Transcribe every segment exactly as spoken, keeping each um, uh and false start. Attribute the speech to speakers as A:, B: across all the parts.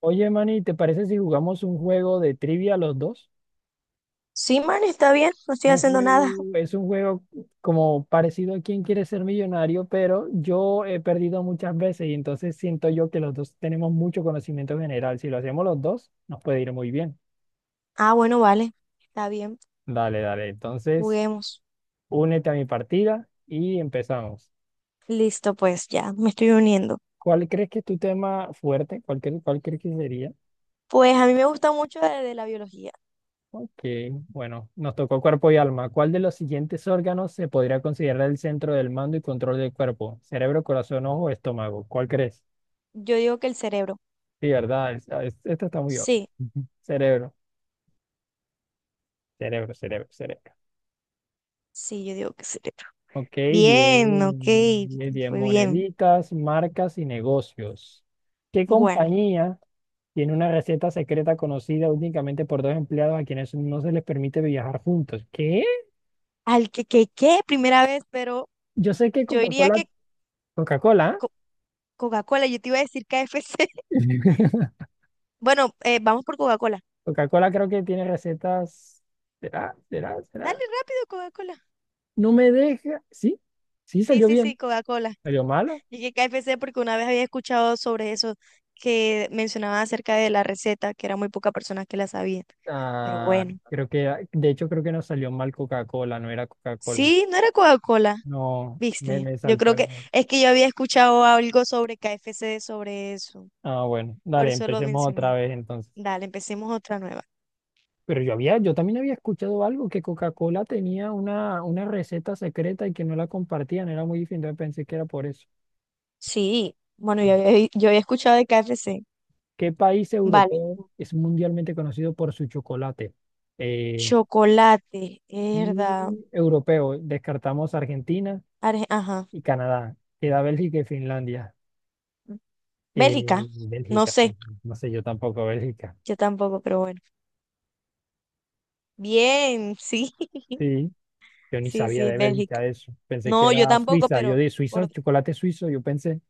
A: Oye, Manny, ¿te parece si jugamos un juego de trivia los dos?
B: Sí, man, está bien, no estoy
A: Un
B: haciendo nada.
A: juego, es un juego como parecido a Quién quiere ser millonario, pero yo he perdido muchas veces y entonces siento yo que los dos tenemos mucho conocimiento general. Si lo hacemos los dos, nos puede ir muy bien.
B: Ah, bueno, vale, está bien,
A: Dale, dale. Entonces,
B: juguemos.
A: únete a mi partida y empezamos.
B: Listo, pues ya, me estoy uniendo.
A: ¿Cuál crees que es tu tema fuerte? ¿Cuál, cre- cuál crees que sería?
B: Pues a mí me gusta mucho de, de la biología.
A: Ok, bueno, nos tocó cuerpo y alma. ¿Cuál de los siguientes órganos se podría considerar el centro del mando y control del cuerpo? ¿Cerebro, corazón, ojo o estómago? ¿Cuál crees?
B: Yo digo que el cerebro.
A: Sí, ¿verdad? Es- ah, es- Esta está muy obvia.
B: Sí,
A: Ujú. Cerebro, cerebro, cerebro, cerebro.
B: sí, yo digo que el cerebro.
A: Ok, diez,
B: Bien, ok,
A: diez
B: fue bien.
A: moneditas, marcas y negocios. ¿Qué
B: Bueno,
A: compañía tiene una receta secreta conocida únicamente por dos empleados a quienes no se les permite viajar juntos? ¿Qué?
B: al que, que, que, primera vez, pero
A: Yo sé que
B: yo diría
A: Coca-Cola,
B: que
A: Coca-Cola.
B: co- Coca-Cola, yo te iba a decir K F C.
A: ¿Eh?
B: Bueno, eh, vamos por Coca-Cola.
A: Coca-Cola creo que tiene recetas. ¿Será? ¿Será? ¿Será?
B: Dale rápido, Coca-Cola.
A: No me deja. Sí, sí
B: Sí,
A: salió
B: sí,
A: bien.
B: sí, Coca-Cola.
A: ¿Salió mala?
B: Y que K F C, porque una vez había escuchado sobre eso, que mencionaban acerca de la receta, que era muy pocas personas que la sabían. Pero
A: Ah,
B: bueno,
A: creo que, de hecho, creo que no salió mal Coca-Cola, no era Coca-Cola.
B: sí, no era Coca-Cola,
A: No, me,
B: ¿viste?
A: me
B: Yo
A: saltó
B: creo
A: el.
B: que es que yo había escuchado algo sobre K F C sobre eso.
A: Ah, bueno,
B: Por
A: dale,
B: eso lo
A: empecemos otra
B: mencioné.
A: vez entonces.
B: Dale, empecemos otra nueva.
A: Pero yo había, yo también había escuchado algo que Coca-Cola tenía una, una receta secreta y que no la compartían, era muy difícil, entonces pensé que era por eso.
B: Sí, bueno, yo había, yo había escuchado de K F C.
A: ¿Qué país
B: Vale.
A: europeo es mundialmente conocido por su chocolate? Eh,
B: Chocolate, herda,
A: Y europeo, descartamos Argentina
B: Arge- ajá.
A: y Canadá. Queda Bélgica y Finlandia. Eh,
B: Bélgica, no
A: Bélgica, eh,
B: sé,
A: no sé, yo tampoco Bélgica.
B: yo tampoco, pero bueno. Bien, sí.
A: Sí, yo ni
B: Sí,
A: sabía
B: sí, es
A: de
B: Bélgica.
A: Bélgica eso. Pensé que
B: No, yo
A: era
B: tampoco,
A: Suiza. Yo
B: pero
A: de Suiza,
B: por
A: chocolate suizo, yo pensé,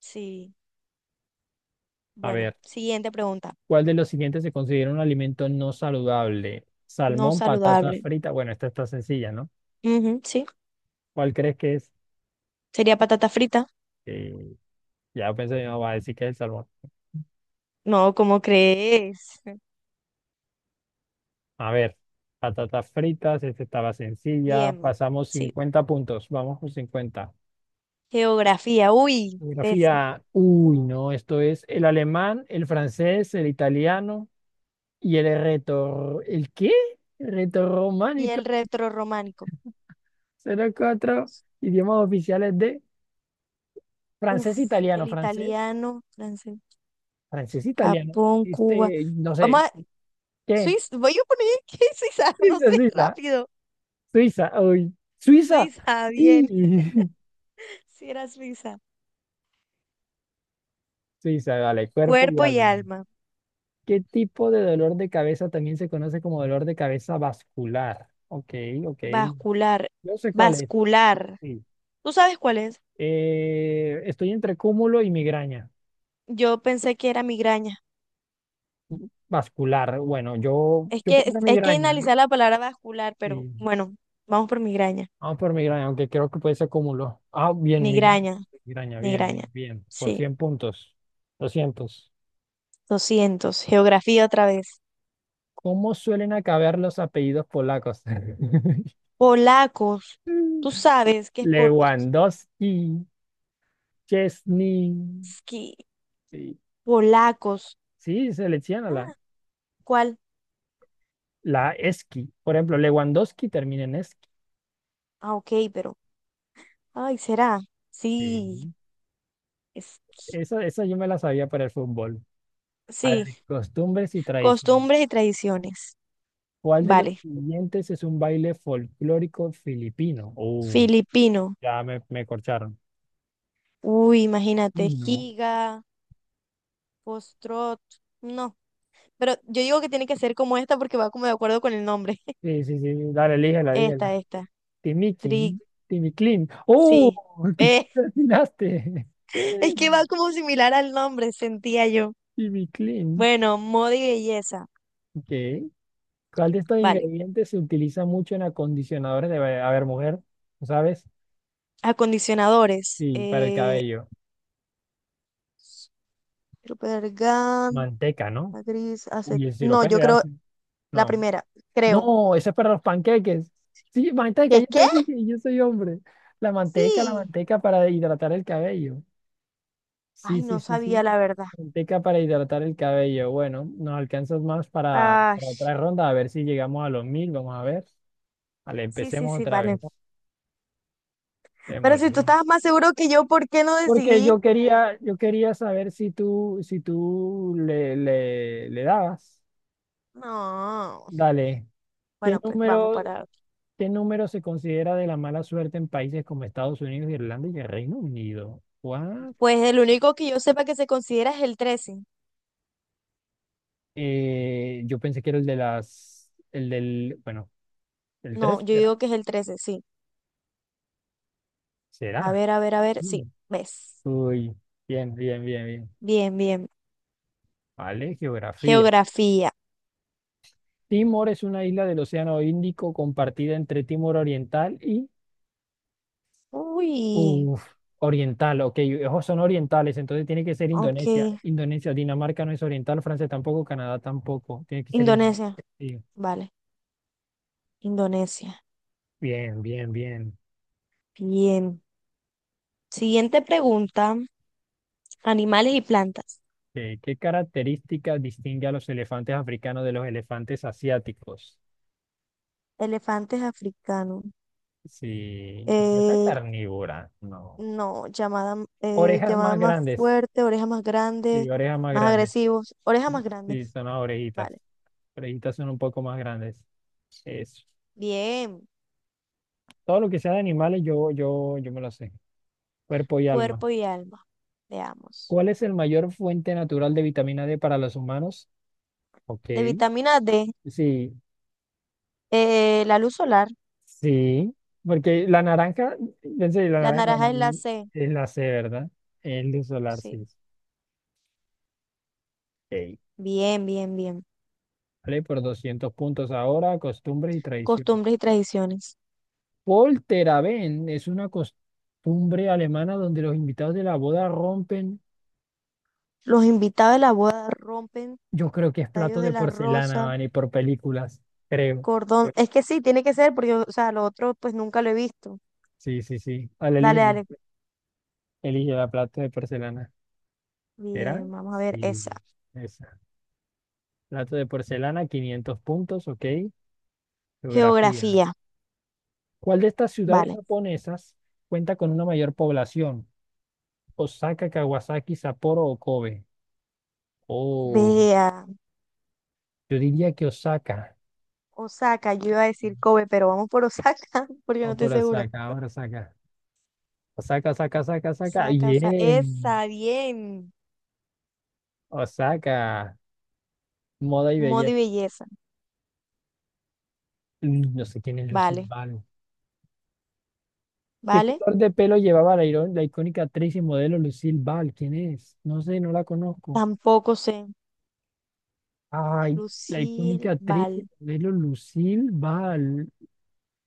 B: sí.
A: a
B: Bueno,
A: ver,
B: siguiente pregunta.
A: ¿cuál de los siguientes se considera un alimento no saludable?
B: No
A: Salmón, patata
B: saludable.
A: frita. Bueno, esta está sencilla, ¿no?
B: Ujú, sí.
A: ¿Cuál crees que es?
B: ¿Sería patata frita?
A: Eh, ya pensé, no, va a decir que es el salmón.
B: No, ¿cómo crees?
A: A ver, patatas fritas, esta estaba sencilla.
B: Bien,
A: Pasamos
B: sí.
A: cincuenta puntos, vamos con cincuenta.
B: Geografía, uy, eso.
A: Geografía, uy, no, esto es el alemán, el francés, el italiano y el reto. ¿El qué?
B: Y
A: Retorrománico.
B: el retrorrománico.
A: Son los cuatro idiomas oficiales de
B: Uf,
A: francés, e italiano,
B: el
A: francés,
B: italiano, francés,
A: francés, e italiano.
B: Japón, Cuba.
A: Este, no
B: Vamos
A: sé,
B: a
A: ¿qué?
B: Suiza, voy a poner que es Suiza, no
A: Suiza,
B: sé,
A: Suiza,
B: rápido.
A: Suiza, uy, Suiza.
B: Suiza, bien.
A: Y...
B: Si era Suiza.
A: Suiza, dale, cuerpo y
B: Cuerpo y
A: alma.
B: alma.
A: ¿Qué tipo de dolor de cabeza también se conoce como dolor de cabeza vascular? Ok, ok.
B: Vascular,
A: Yo sé cuál es.
B: vascular.
A: Sí.
B: ¿Tú sabes cuál es?
A: Eh, estoy entre cúmulo y migraña.
B: Yo pensé que era migraña.
A: Vascular. Bueno, yo,
B: Es
A: yo
B: que es-
A: pondré
B: hay que
A: migraña.
B: analizar la palabra vascular, pero
A: Sí.
B: bueno, vamos por migraña.
A: Vamos por migraña, aunque creo que puede ser cúmulo. Ah, bien, migraña.
B: Migraña,
A: Migraña, bien,
B: migraña.
A: bien, bien. Por
B: Sí,
A: cien puntos. Doscientos.
B: doscientos. Geografía otra vez.
A: ¿Cómo suelen acabar los apellidos polacos?
B: Polacos. ¿Tú sabes qué es por...
A: Lewandowski, Chesney.
B: ski-
A: Sí.
B: Polacos.
A: Sí, selecciona la,
B: Ah, ¿cuál?
A: la ESKI. Por ejemplo, Lewandowski termina en ESKI.
B: Ah, ok, pero... Ay, ¿será? Sí.
A: Sí.
B: es-
A: Esa, esa yo me la sabía para el fútbol. A
B: Sí.
A: ver, costumbres y tradiciones.
B: Costumbres y tradiciones.
A: ¿Cuál de los
B: Vale.
A: siguientes es un baile folclórico filipino? Oh,
B: Filipino.
A: ya me, me corcharon.
B: Uy,
A: Y
B: imagínate,
A: no.
B: Giga, Postrot, no, pero yo digo que tiene que ser como esta porque va como de acuerdo con el nombre.
A: Sí, sí, sí. Dale, elígela,
B: Esta,
A: elígela.
B: esta, Tri,
A: Timikin. Timiclin. ¡Oh!
B: sí. Eh,
A: Te atinaste.
B: es que va como similar al nombre, sentía yo.
A: Timiclin.
B: Bueno, moda y belleza,
A: Ok. ¿Cuál de estos
B: vale.
A: ingredientes se utiliza mucho en acondicionadores de, a ver, mujer, ¿lo sabes?
B: Acondicionadores,
A: Sí, para el
B: eh,
A: cabello.
B: Supergan,
A: Manteca, ¿no?
B: Gris, acet...
A: Uy, el
B: No,
A: sirope
B: yo
A: de
B: creo
A: arce.
B: la
A: No.
B: primera, creo.
A: No, ese es para los panqueques. Sí, manteca,
B: ¿Qué,
A: yo
B: qué?
A: te dije, yo soy hombre. La manteca, la
B: Sí.
A: manteca para hidratar el cabello. Sí,
B: Ay,
A: sí,
B: no
A: sí,
B: sabía
A: sí.
B: la verdad.
A: Manteca para hidratar el cabello. Bueno, nos alcanzas más para,
B: Ay,
A: para otra ronda, a ver si llegamos a los mil. Vamos a ver. Vale,
B: sí, sí,
A: empecemos
B: sí,
A: otra
B: vale.
A: vez.
B: Pero si
A: Démosle.
B: tú estabas más seguro que yo, ¿por qué no
A: Porque
B: decidiste?
A: yo quería, yo quería saber si tú, si tú le, le, le dabas.
B: No.
A: Dale. ¿Qué
B: Bueno, pues vamos
A: número,
B: para.
A: qué número se considera de la mala suerte en países como Estados Unidos, Irlanda y el Reino Unido? What?
B: Pues el único que yo sepa que se considera es el trece.
A: Eh, yo pensé que era el de las, el del, bueno, el
B: No,
A: tres,
B: yo
A: ¿será?
B: digo que es el trece, sí. A
A: ¿Será?
B: ver, a ver, a ver, sí.
A: Mm.
B: ¿Ves?
A: Uy, bien, bien, bien, bien.
B: Bien, bien.
A: Vale, geografía.
B: Geografía.
A: Timor es una isla del Océano Índico compartida entre Timor Oriental y...
B: Uy,
A: Uf, oriental, ok, ojos son orientales, entonces tiene que ser Indonesia.
B: ok.
A: Indonesia, Dinamarca no es oriental, Francia tampoco, Canadá tampoco, tiene que ser Indonesia.
B: Indonesia.
A: Sí,
B: Vale, Indonesia.
A: bien, bien, bien.
B: Bien. Siguiente pregunta. Animales y plantas.
A: Eh, ¿Qué características distingue a los elefantes africanos de los elefantes asiáticos?
B: Elefantes africanos.
A: Sí, dieta
B: Eh,
A: carnívora, no.
B: No, llamada, eh,
A: Orejas
B: llamada
A: más
B: más
A: grandes,
B: fuerte, orejas más grandes,
A: sí, orejas más
B: más
A: grandes,
B: agresivos, orejas más
A: sí,
B: grandes,
A: son las orejitas.
B: vale.
A: Orejitas son un poco más grandes. Es,
B: Bien,
A: todo lo que sea de animales, yo, yo, yo me lo sé. Cuerpo y alma.
B: cuerpo y alma, veamos.
A: ¿Cuál es el mayor fuente natural de vitamina D para los humanos? Ok,
B: De vitamina D,
A: sí,
B: eh, la luz solar,
A: sí, porque la naranja, pensé, la
B: la
A: naranja no, la-
B: naranja es la
A: naranja
B: C,
A: es la C, ¿verdad? El de solar,
B: sí.
A: sí. Ok,
B: Bien, bien, bien.
A: vale, por doscientos puntos ahora, costumbres y tradición.
B: Costumbres y tradiciones.
A: Polterabend es una costumbre alemana donde los invitados de la boda rompen,
B: Los invitados de la boda rompen
A: yo creo que es
B: tallos
A: plato
B: de
A: de
B: la
A: porcelana,
B: rosa,
A: man, y por películas, creo.
B: cordón. Es que sí, tiene que ser, porque, o sea, lo otro pues nunca lo he visto.
A: Sí, sí, sí. Vale, elige,
B: Dale, dale.
A: elige la plato de porcelana. ¿Era?
B: Bien, vamos a ver
A: Sí,
B: esa.
A: esa. Plato de porcelana, quinientos puntos, ok. Geografía.
B: Geografía,
A: ¿Cuál de estas ciudades
B: vale.
A: japonesas cuenta con una mayor población? Osaka, Kawasaki, Sapporo o Kobe. Oh,
B: Vea.
A: yo diría que Osaka.
B: Osaka, yo iba a decir Kobe, pero vamos por Osaka, porque no
A: O
B: estoy
A: por
B: segura.
A: Osaka, por Osaka. Osaka, Osaka, Osaka, Osaka.
B: Osaka, Osaka,
A: Bien.
B: esa, bien.
A: Osaka. Moda y
B: Moda y
A: belleza.
B: belleza,
A: Mm, no sé quién es Lucille
B: vale,
A: Ball. ¿Qué
B: vale.
A: color de pelo llevaba la, iro- la icónica actriz y modelo Lucille Ball? ¿Quién es? No sé, no la conozco.
B: Tampoco sé.
A: Ay, la icónica
B: Lucille,
A: actriz
B: vale.
A: Isabel Lucille va al...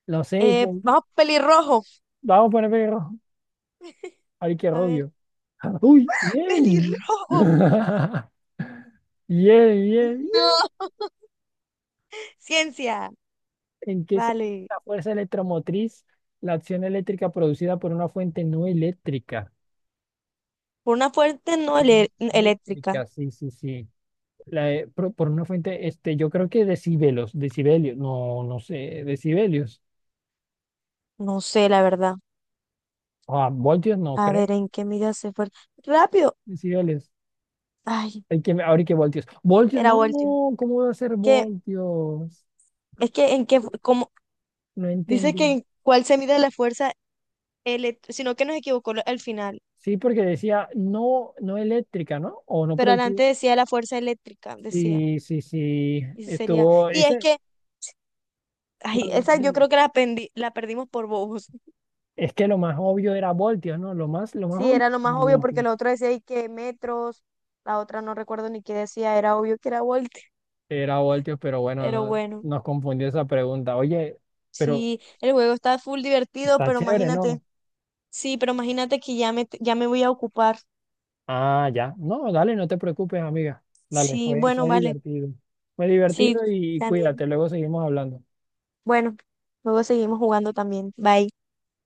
A: No sé,
B: Eh,
A: pon-
B: vamos, pelirrojo.
A: vamos a poner pelirrojo. Ay, qué
B: A ver,
A: rubio. Uy, bien.
B: pelirrojo.
A: Bien, bien,
B: No,
A: bien.
B: ciencia,
A: ¿En qué se
B: vale.
A: la fuerza electromotriz? La acción eléctrica producida por una fuente no eléctrica.
B: Por una fuerte no
A: No
B: ele- eléctrica.
A: eléctrica, sí, sí, sí. La, eh, pro- por, una fuente, este, yo creo que decibelios, decibelios, no, no sé, decibelios.
B: No sé, la verdad.
A: Ah, voltios no
B: A
A: creo,
B: ver, ¿en qué medida se fue? Rápido.
A: decibelios.
B: Ay,
A: Hay que, ahora hay que voltios. Voltios,
B: era
A: no,
B: voltio.
A: ¿cómo va a ser
B: Que,
A: voltios?
B: es que en qué, fu- como,
A: No
B: dice
A: entendí.
B: que en cuál se mide la fuerza elec- sino que nos equivocó lo- al final.
A: Sí, porque decía no, no eléctrica, ¿no? O no
B: Pero
A: producida.
B: adelante decía la fuerza eléctrica, decía.
A: Sí, sí, sí.
B: Y sí sería.
A: Estuvo,
B: Y es
A: ese,
B: que,
A: a
B: ay,
A: ver,
B: esa yo
A: dime.
B: creo que la, pendi- la perdimos por bobos.
A: Es que lo más obvio era voltios, ¿no? Lo más, lo más
B: Sí,
A: obvio
B: era lo
A: era
B: más obvio porque
A: voltios.
B: lo otro decía y que metros, la otra no recuerdo ni qué decía, era obvio que era Volt.
A: Era voltios, pero bueno,
B: Pero
A: no,
B: bueno,
A: nos confundió esa pregunta. Oye, pero
B: sí, el juego está full divertido,
A: está
B: pero
A: chévere,
B: imagínate,
A: ¿no?
B: sí, pero imagínate que ya me, ya me voy a ocupar.
A: Ah, ya. No, dale, no te preocupes, amiga. Dale,
B: Sí,
A: fue,
B: bueno,
A: fue
B: vale.
A: divertido. Fue divertido
B: Sí,
A: y
B: también.
A: cuídate, luego seguimos hablando.
B: Bueno, luego seguimos jugando también. Bye.